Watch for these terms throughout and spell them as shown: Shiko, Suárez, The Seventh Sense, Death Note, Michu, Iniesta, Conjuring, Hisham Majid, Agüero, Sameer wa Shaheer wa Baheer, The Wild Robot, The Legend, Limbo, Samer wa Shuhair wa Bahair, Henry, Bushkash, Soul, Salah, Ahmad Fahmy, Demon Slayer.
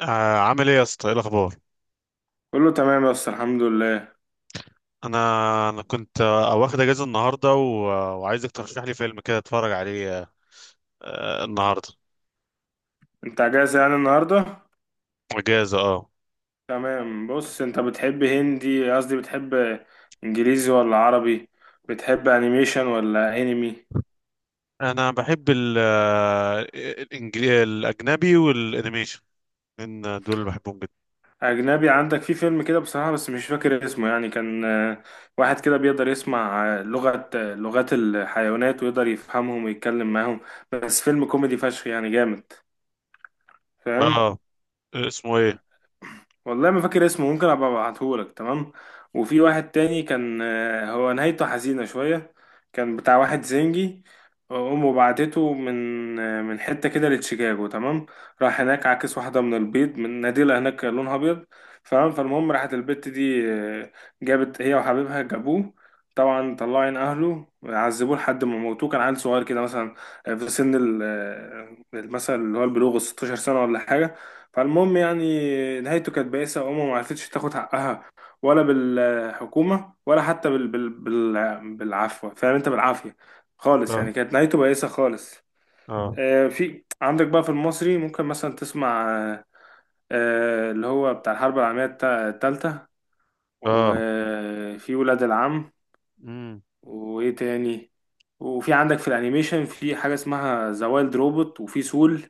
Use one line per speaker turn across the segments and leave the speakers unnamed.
عامل ايه يا اسطى؟ ايه الاخبار؟
كله تمام بس الحمد لله.
انا انا كنت واخد اجازه النهارده و... آه، وعايزك ترشح لي فيلم كده اتفرج عليه النهارده.
انت اجازة يعني النهاردة؟
اجازه، اه.
تمام، بص انت بتحب هندي قصدي بتحب انجليزي ولا عربي؟ بتحب انيميشن ولا انمي؟
انا بحب الاجنبي والانيميشن. ان دول اللي بحبهم جدا.
اجنبي. عندك في فيلم كده بصراحة بس مش فاكر اسمه، يعني كان واحد كده بيقدر يسمع لغة لغات الحيوانات ويقدر يفهمهم ويتكلم معاهم. بس فيلم كوميدي فشخ، يعني جامد. فاهم؟
اه. اسمه ايه؟
والله ما فاكر اسمه، ممكن ابقى ابعتهولك. تمام. وفي واحد تاني كان هو نهايته حزينة شوية. كان بتاع واحد زنجي، امه بعتته من حتة كده لشيكاغو. تمام. راح هناك عاكس واحدة من البيض، من ناديلة هناك كان لونها ابيض. فاهم؟ فالمهم راحت البت دي، جابت هي وحبيبها جابوه، طبعا طلعوا عين اهله، عذبوه لحد ما موتوه. كان عيل صغير كده، مثلا في سن مثلا اللي هو البلوغ، 16 سنة ولا حاجة. فالمهم يعني نهايته كانت بائسة، وأمه ما عرفتش تاخد حقها، ولا بالحكومة ولا حتى بالعفو. فاهم أنت؟ بالعافية خالص، يعني
اه،
كانت نهايته بائسة خالص.
اه،
في عندك بقى في المصري ممكن مثلا تسمع اللي هو بتاع الحرب العالمية التالتة.
اه.
وفي ولاد العم.
امم.
وإيه تاني؟ وفي عندك في الأنيميشن في حاجة اسمها ذا وايلد روبوت، وفي سول.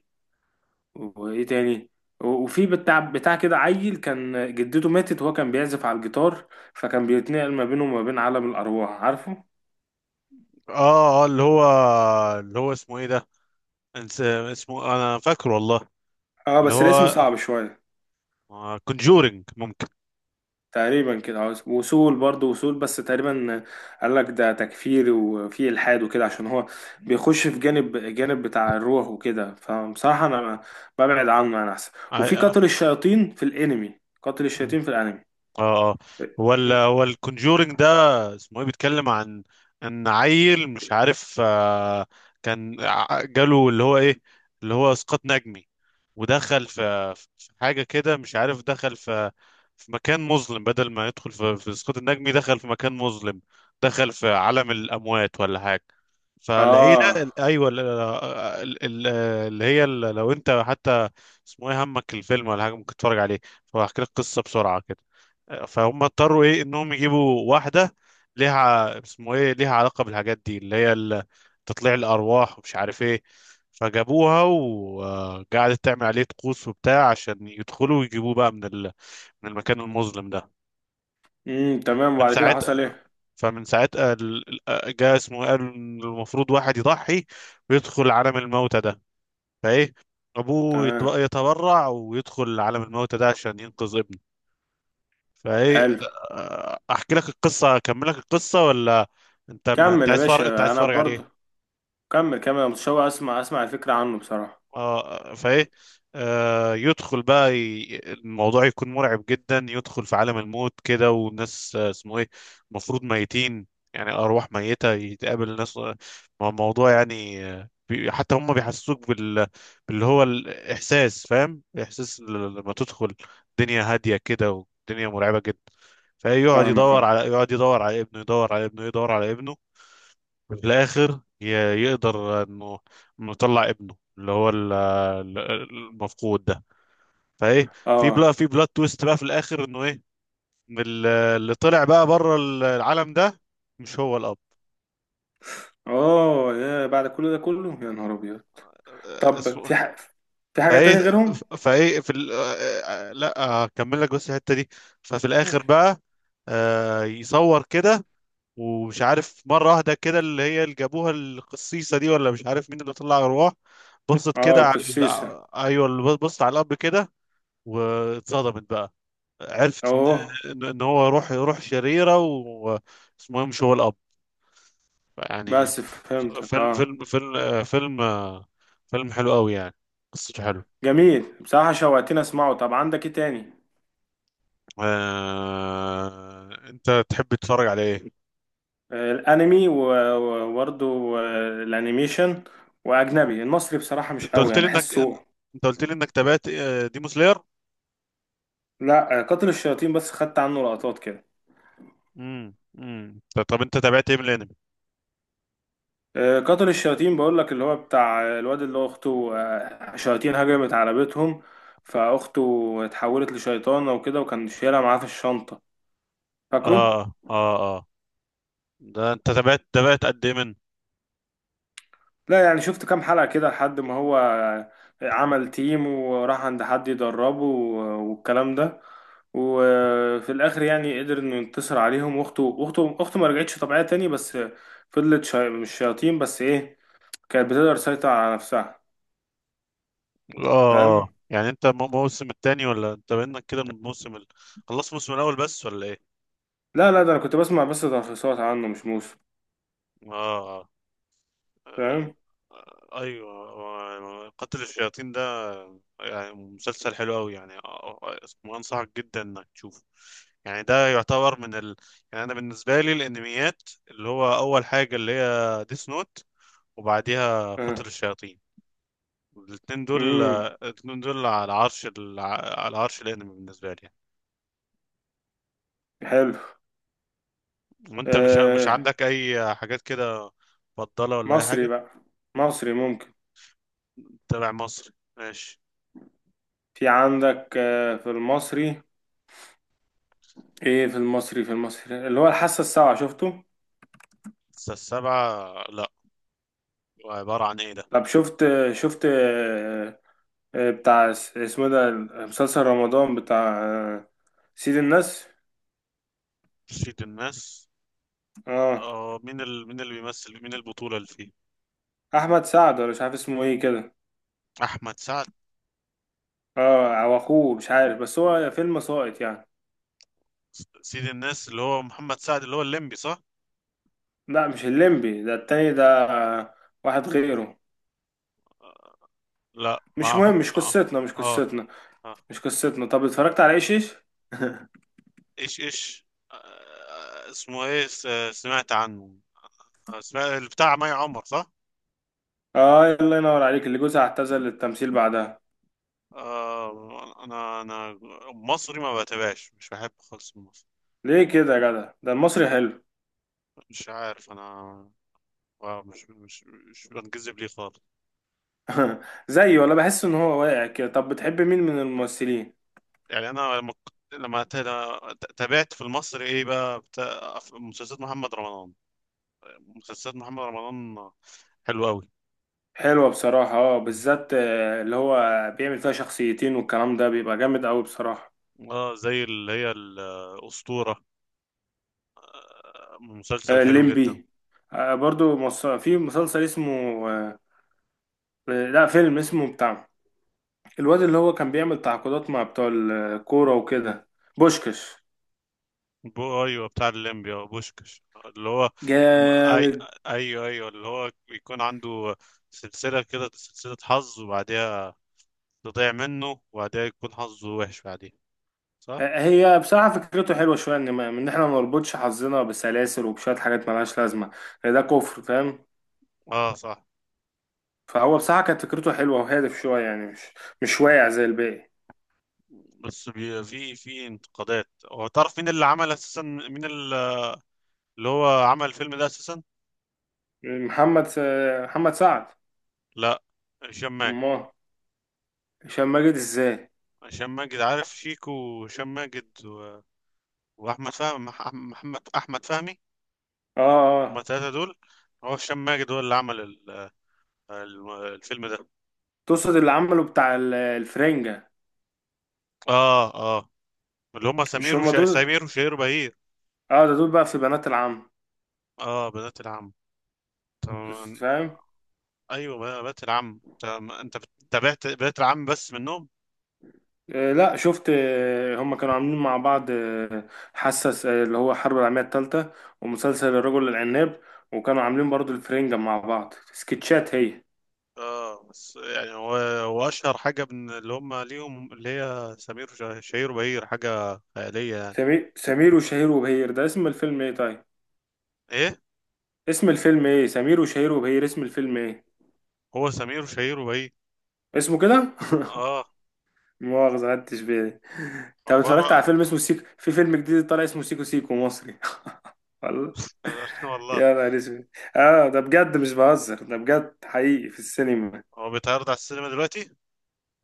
وايه تاني؟ وفي بتاع كده عيل كان جدته ماتت، وهو كان بيعزف على الجيتار، فكان بيتنقل ما بينه وما بين عالم الارواح. عارفه؟
اه اه، اللي هو اللي هو اسمه ايه ده؟ اسمه، انا فاكره والله.
اه
اللي
بس الاسم
هو
صعب شويه.
كونجورينج، ممكن.
تقريبا كده، اه. وصول، برضه وصول بس تقريبا. قال لك ده تكفير وفي الحاد وكده، عشان هو بيخش في جانب بتاع الروح وكده، فبصراحه انا ببعد عنه انا، احسن. وفي
آه،
قاتل الشياطين في الانمي، قاتل
آه.
الشياطين في الانمي.
اه اه. هو الكونجورينج ده اسمه ايه؟ بيتكلم عن ان عيل مش عارف، كان جاله اللي هو ايه، اللي هو اسقاط نجمي، ودخل في حاجه كده، مش عارف، دخل في مكان مظلم. بدل ما يدخل في اسقاط النجمي دخل في مكان مظلم، دخل في عالم الاموات ولا حاجه. فالعيله
اه،
ال- ايوه ال- ال- ال- اللي هي ال- لو انت حتى اسمه ايه همك الفيلم ولا حاجه، ممكن تتفرج عليه. فهحكي لك قصه بسرعه كده. فهم اضطروا ايه، انهم يجيبوا واحده ليها ع- اسمه ايه ليها علاقه بالحاجات دي، تطليع الارواح ومش عارف ايه. فجابوها وقعدت تعمل عليه طقوس وبتاع عشان يدخلوا ويجيبوه بقى من من المكان المظلم ده.
امم، تمام.
من
وبعد كده حصل
ساعتها
ايه؟
فمن ساعتها جه اسمه إيه؟ قال إن المفروض واحد يضحي ويدخل عالم الموتى ده. فايه، ابوه
تمام.
يتبرع ويدخل عالم الموتى ده عشان ينقذ ابنه. فايه،
حلو.
احكي لك القصه، اكمل لك القصه، ولا انت
كمل يا
عايز فار... انت
باشا،
عايز
انا
تتفرج
برضو.
عليه؟
كمل أنا متشوق، اسمع الفكرة عنه بصراحة.
اه. فايه، يدخل بقى الموضوع يكون مرعب جدا، يدخل في عالم الموت كده والناس اسمه ايه، المفروض ميتين، يعني ارواح ميتة، يتقابل ناس. مع الموضوع يعني، حتى هم بيحسسوك باللي هو الاحساس، فاهم؟ احساس لما تدخل دنيا هادية كده ودنيا مرعبة جدا. فيقعد
فاهمك،
يدور
اه
على يقعد يدور على ابنه، يدور على ابنه، يدور على ابنه. في الاخر يقدر انه يطلع ابنه اللي هو المفقود ده. فايه،
اه.
في بلوت تويست بقى في الاخر، انه ايه، إن اللي طلع بقى بره العالم ده مش هو الاب.
اوه، يا بعد كل ده كله، يا نهار ابيض.
آه،
طب
اسمه
في في حاجة
فايه
تاني غيرهم؟
فايه في ال... آه، آه، لا هكمل لك بس الحته دي. ففي الاخر
ماشي.
بقى، يصور كده ومش عارف مرة واحدة كده، اللي هي اللي جابوها القصيصة دي ولا مش عارف مين، اللي طلع أرواح، بصت
اه،
كده على ال...
القسيسة.
آه، أيوه، اللي بصت على الأب كده، واتصدمت بقى، عرفت
اوه.
إن هو روح شريرة، واسمه إيه، مش هو الأب يعني.
بس فهمتك،
فيلم
اه.
فيلم فيلم فيلم فيلم حلو قوي يعني، قصته حلو.
جميل بصراحة، شوقتني اسمعه. طب عندك ايه تاني؟
أنت تحب تتفرج على إيه؟
الانمي و- و- وبرضه الانيميشن، واجنبي. المصري بصراحة مش
أنت
قوي،
قلت
يعني
لي إنك،
بحسه.
أنت قلت لي إنك تابعت ديمو سلاير.
لا، قاتل الشياطين بس خدت عنه لقطات كده.
امم، امم. طب انت تابعت ايه من الانمي؟
قاتل الشياطين بقول لك، اللي هو بتاع الواد اللي هو اخته شياطين هجمت على بيتهم، فاخته اتحولت لشيطانه وكده، وكان شايلها معاه في الشنطه. فاكره؟
اه اه اه. ده انت تابعت قد ايه من،
لا يعني شفت كام حلقه كده، لحد ما هو عمل تيم وراح عند حد يدربه والكلام ده. وفي الاخر يعني قدر انه ينتصر عليهم، واخته اخته ما رجعتش طبيعيه تاني، بس فضلت مش شياطين، بس ايه، كانت بتقدر تسيطر على نفسها.
اه
فاهم؟
اه، يعني انت موسم التاني ولا انت بينك كده من الموسم خلصت الموسم الاول بس ولا ايه؟
لا ده انا كنت بسمع بس تلخيصات عنه، مش موسم.
اه. آه،
فاهم؟
قتل الشياطين ده يعني مسلسل حلو قوي يعني، آه، آه، آه، اسمه انصحك جدا انك تشوفه. يعني ده يعتبر من يعني انا بالنسبه لي الانميات، اللي هو اول حاجه اللي هي ديس نوت، وبعديها قتل
اه،
الشياطين. الاثنين دول
امم،
الاثنين دول على عرش على عرش الانمي بالنسبه لي يعني.
حلو.
وانت مش
آه،
عندك اي حاجات كده مفضله ولا اي
مصري
حاجه؟
بقى. مصري ممكن.
تابع مصري، ماشي.
في عندك آه في المصري، ايه في المصري؟ في المصري اللي هو الحاسة السابعة، شفته؟
بس السبعه لا، عباره عن ايه ده؟
طب شفت، شفت آه بتاع اسمه ده، مسلسل رمضان بتاع سيد الناس.
شيت الناس.
اه،
اه، مين مين اللي بيمثل، مين البطوله اللي فيه؟
احمد سعد ولا مش عارف اسمه ايه كده.
احمد سعد.
اه او اخوه، مش عارف، بس هو فيلم ساقط يعني.
سيد الناس اللي هو محمد سعد اللي هو الليمبي، صح؟
لا مش الليمبي، ده التاني، ده واحد غيره.
لا،
مش
مع
مهم،
محمد،
مش
اه.
قصتنا مش
اه.
قصتنا،
آه.
مش قصتنا. طب اتفرجت على ايش ايش؟
ايش ايش. آه، اسمه ايه س- سمعت عنه. سمعت بتاع مي عمر، صح؟
اه، الله ينور عليك، اللي جوزها اعتزل التمثيل بعدها.
آه، انا مصري ما بتابعش، مش بحب خالص المصري.
ليه كده يا جدع؟ ده المصري حلو.
مش عارف انا، آه، مش مش مش بنجذب ليه خالص.
زيه؟ ولا بحس ان هو واقع كده. طب بتحب مين من الممثلين؟
يعني انا لما ك- لما تا- تابعت في المصري ايه بقى، بتاع مسلسلات محمد رمضان. مسلسلات محمد رمضان حلوة قوي.
حلوة بصراحة اه، بالذات اللي هو بيعمل فيها شخصيتين، والكلام ده بيبقى جامد قوي بصراحة،
اه، زي اللي هي الأسطورة، مسلسل حلو جدا.
الليمبي. برضو في مسلسل اسمه آه، لا، فيلم اسمه بتاع الواد اللي هو كان بيعمل تعاقدات مع بتوع الكورة وكده، بوشكش.
بو، ايوه، بتاع الليمبي، اه، بوشكش، اللي هو لما- اي
جامد.
ايوه ايوه اللي هو بيكون عنده سلسله كده، سلسله حظ، وبعدها تضيع منه، وبعدها يكون حظه وحش بعديها، صح؟
هي بصراحة فكرته حلوة شوية، إن إن إحنا ما نربطش حظنا بسلاسل وبشوية حاجات ملهاش لازمة، ده كفر. فاهم؟
اه، صح.
فهو بصراحة كانت فكرته حلوة وهادف شوية، يعني مش واقع زي الباقي.
بس بي في في انتقادات. هو تعرف مين اللي عمل اساسا، مين اللي هو عمل الفيلم ده اساسا؟
محمد س- محمد سعد.
لا، هشام ماجد.
أمال؟ هشام ماجد إزاي؟
هشام ماجد، عارف شيكو وهشام ماجد واحمد فهمي، محمد احمد فهمي.
آه
هما
آه،
الثلاثه دول. هو هشام ماجد هو اللي عمل الفيلم ده.
تقصد اللي عمله بتاع الفرنجة؟
اه اه، اللي هم
مش هما دول؟
سمير وشهير وبهير.
آه ده دول بقى في بنات العم.
اه، بنات العم،
بس
تمام.
فاهم؟
ايوه، بنات العم، تمام. انت تابعت بنات العم بس منهم؟
لا شفت، هم كانوا عاملين مع بعض حسس اللي هو الحرب العالمية الثالثة، ومسلسل الرجل العناب. وكانوا عاملين برضو الفرنجة مع بعض سكتشات هي.
اه، بس يعني هو هو اشهر حاجه من اللي هم ليهم اللي هي شهير وبهير، حاجه خياليه يعني.
سمير وشهير وبهير ده اسم الفيلم ايه طيب؟
ايه؟
اسم الفيلم ايه؟ سمير وشهير وبهير اسم الفيلم ايه؟
هو سمير وشهير وبهير.
اسمه كده
اه،
مؤاخذة خدتش بالي. طب
عباره.
اتفرجت على فيلم اسمه سيكو؟ في فيلم جديد طالع اسمه سيكو سيكو مصري. والله.
والله.
يا نهار اسود. اه ده بجد، مش بهزر، ده بجد حقيقي في السينما.
هو بيتعرض على السينما دلوقتي؟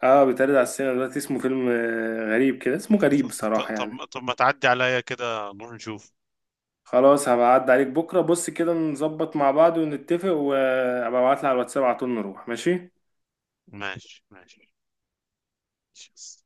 اه بيتعرض على السينما دلوقتي، اسمه فيلم غريب كده، اسمه غريب بصراحة يعني.
طب ما تعدي عليا كده نروح نشوف.
خلاص هبقى أعدي عليك بكرة، بص كده نظبط مع بعض ونتفق، وابقى ابعتلي على الواتساب على طول نروح. ماشي.
ماشي، ماشي، ماشي.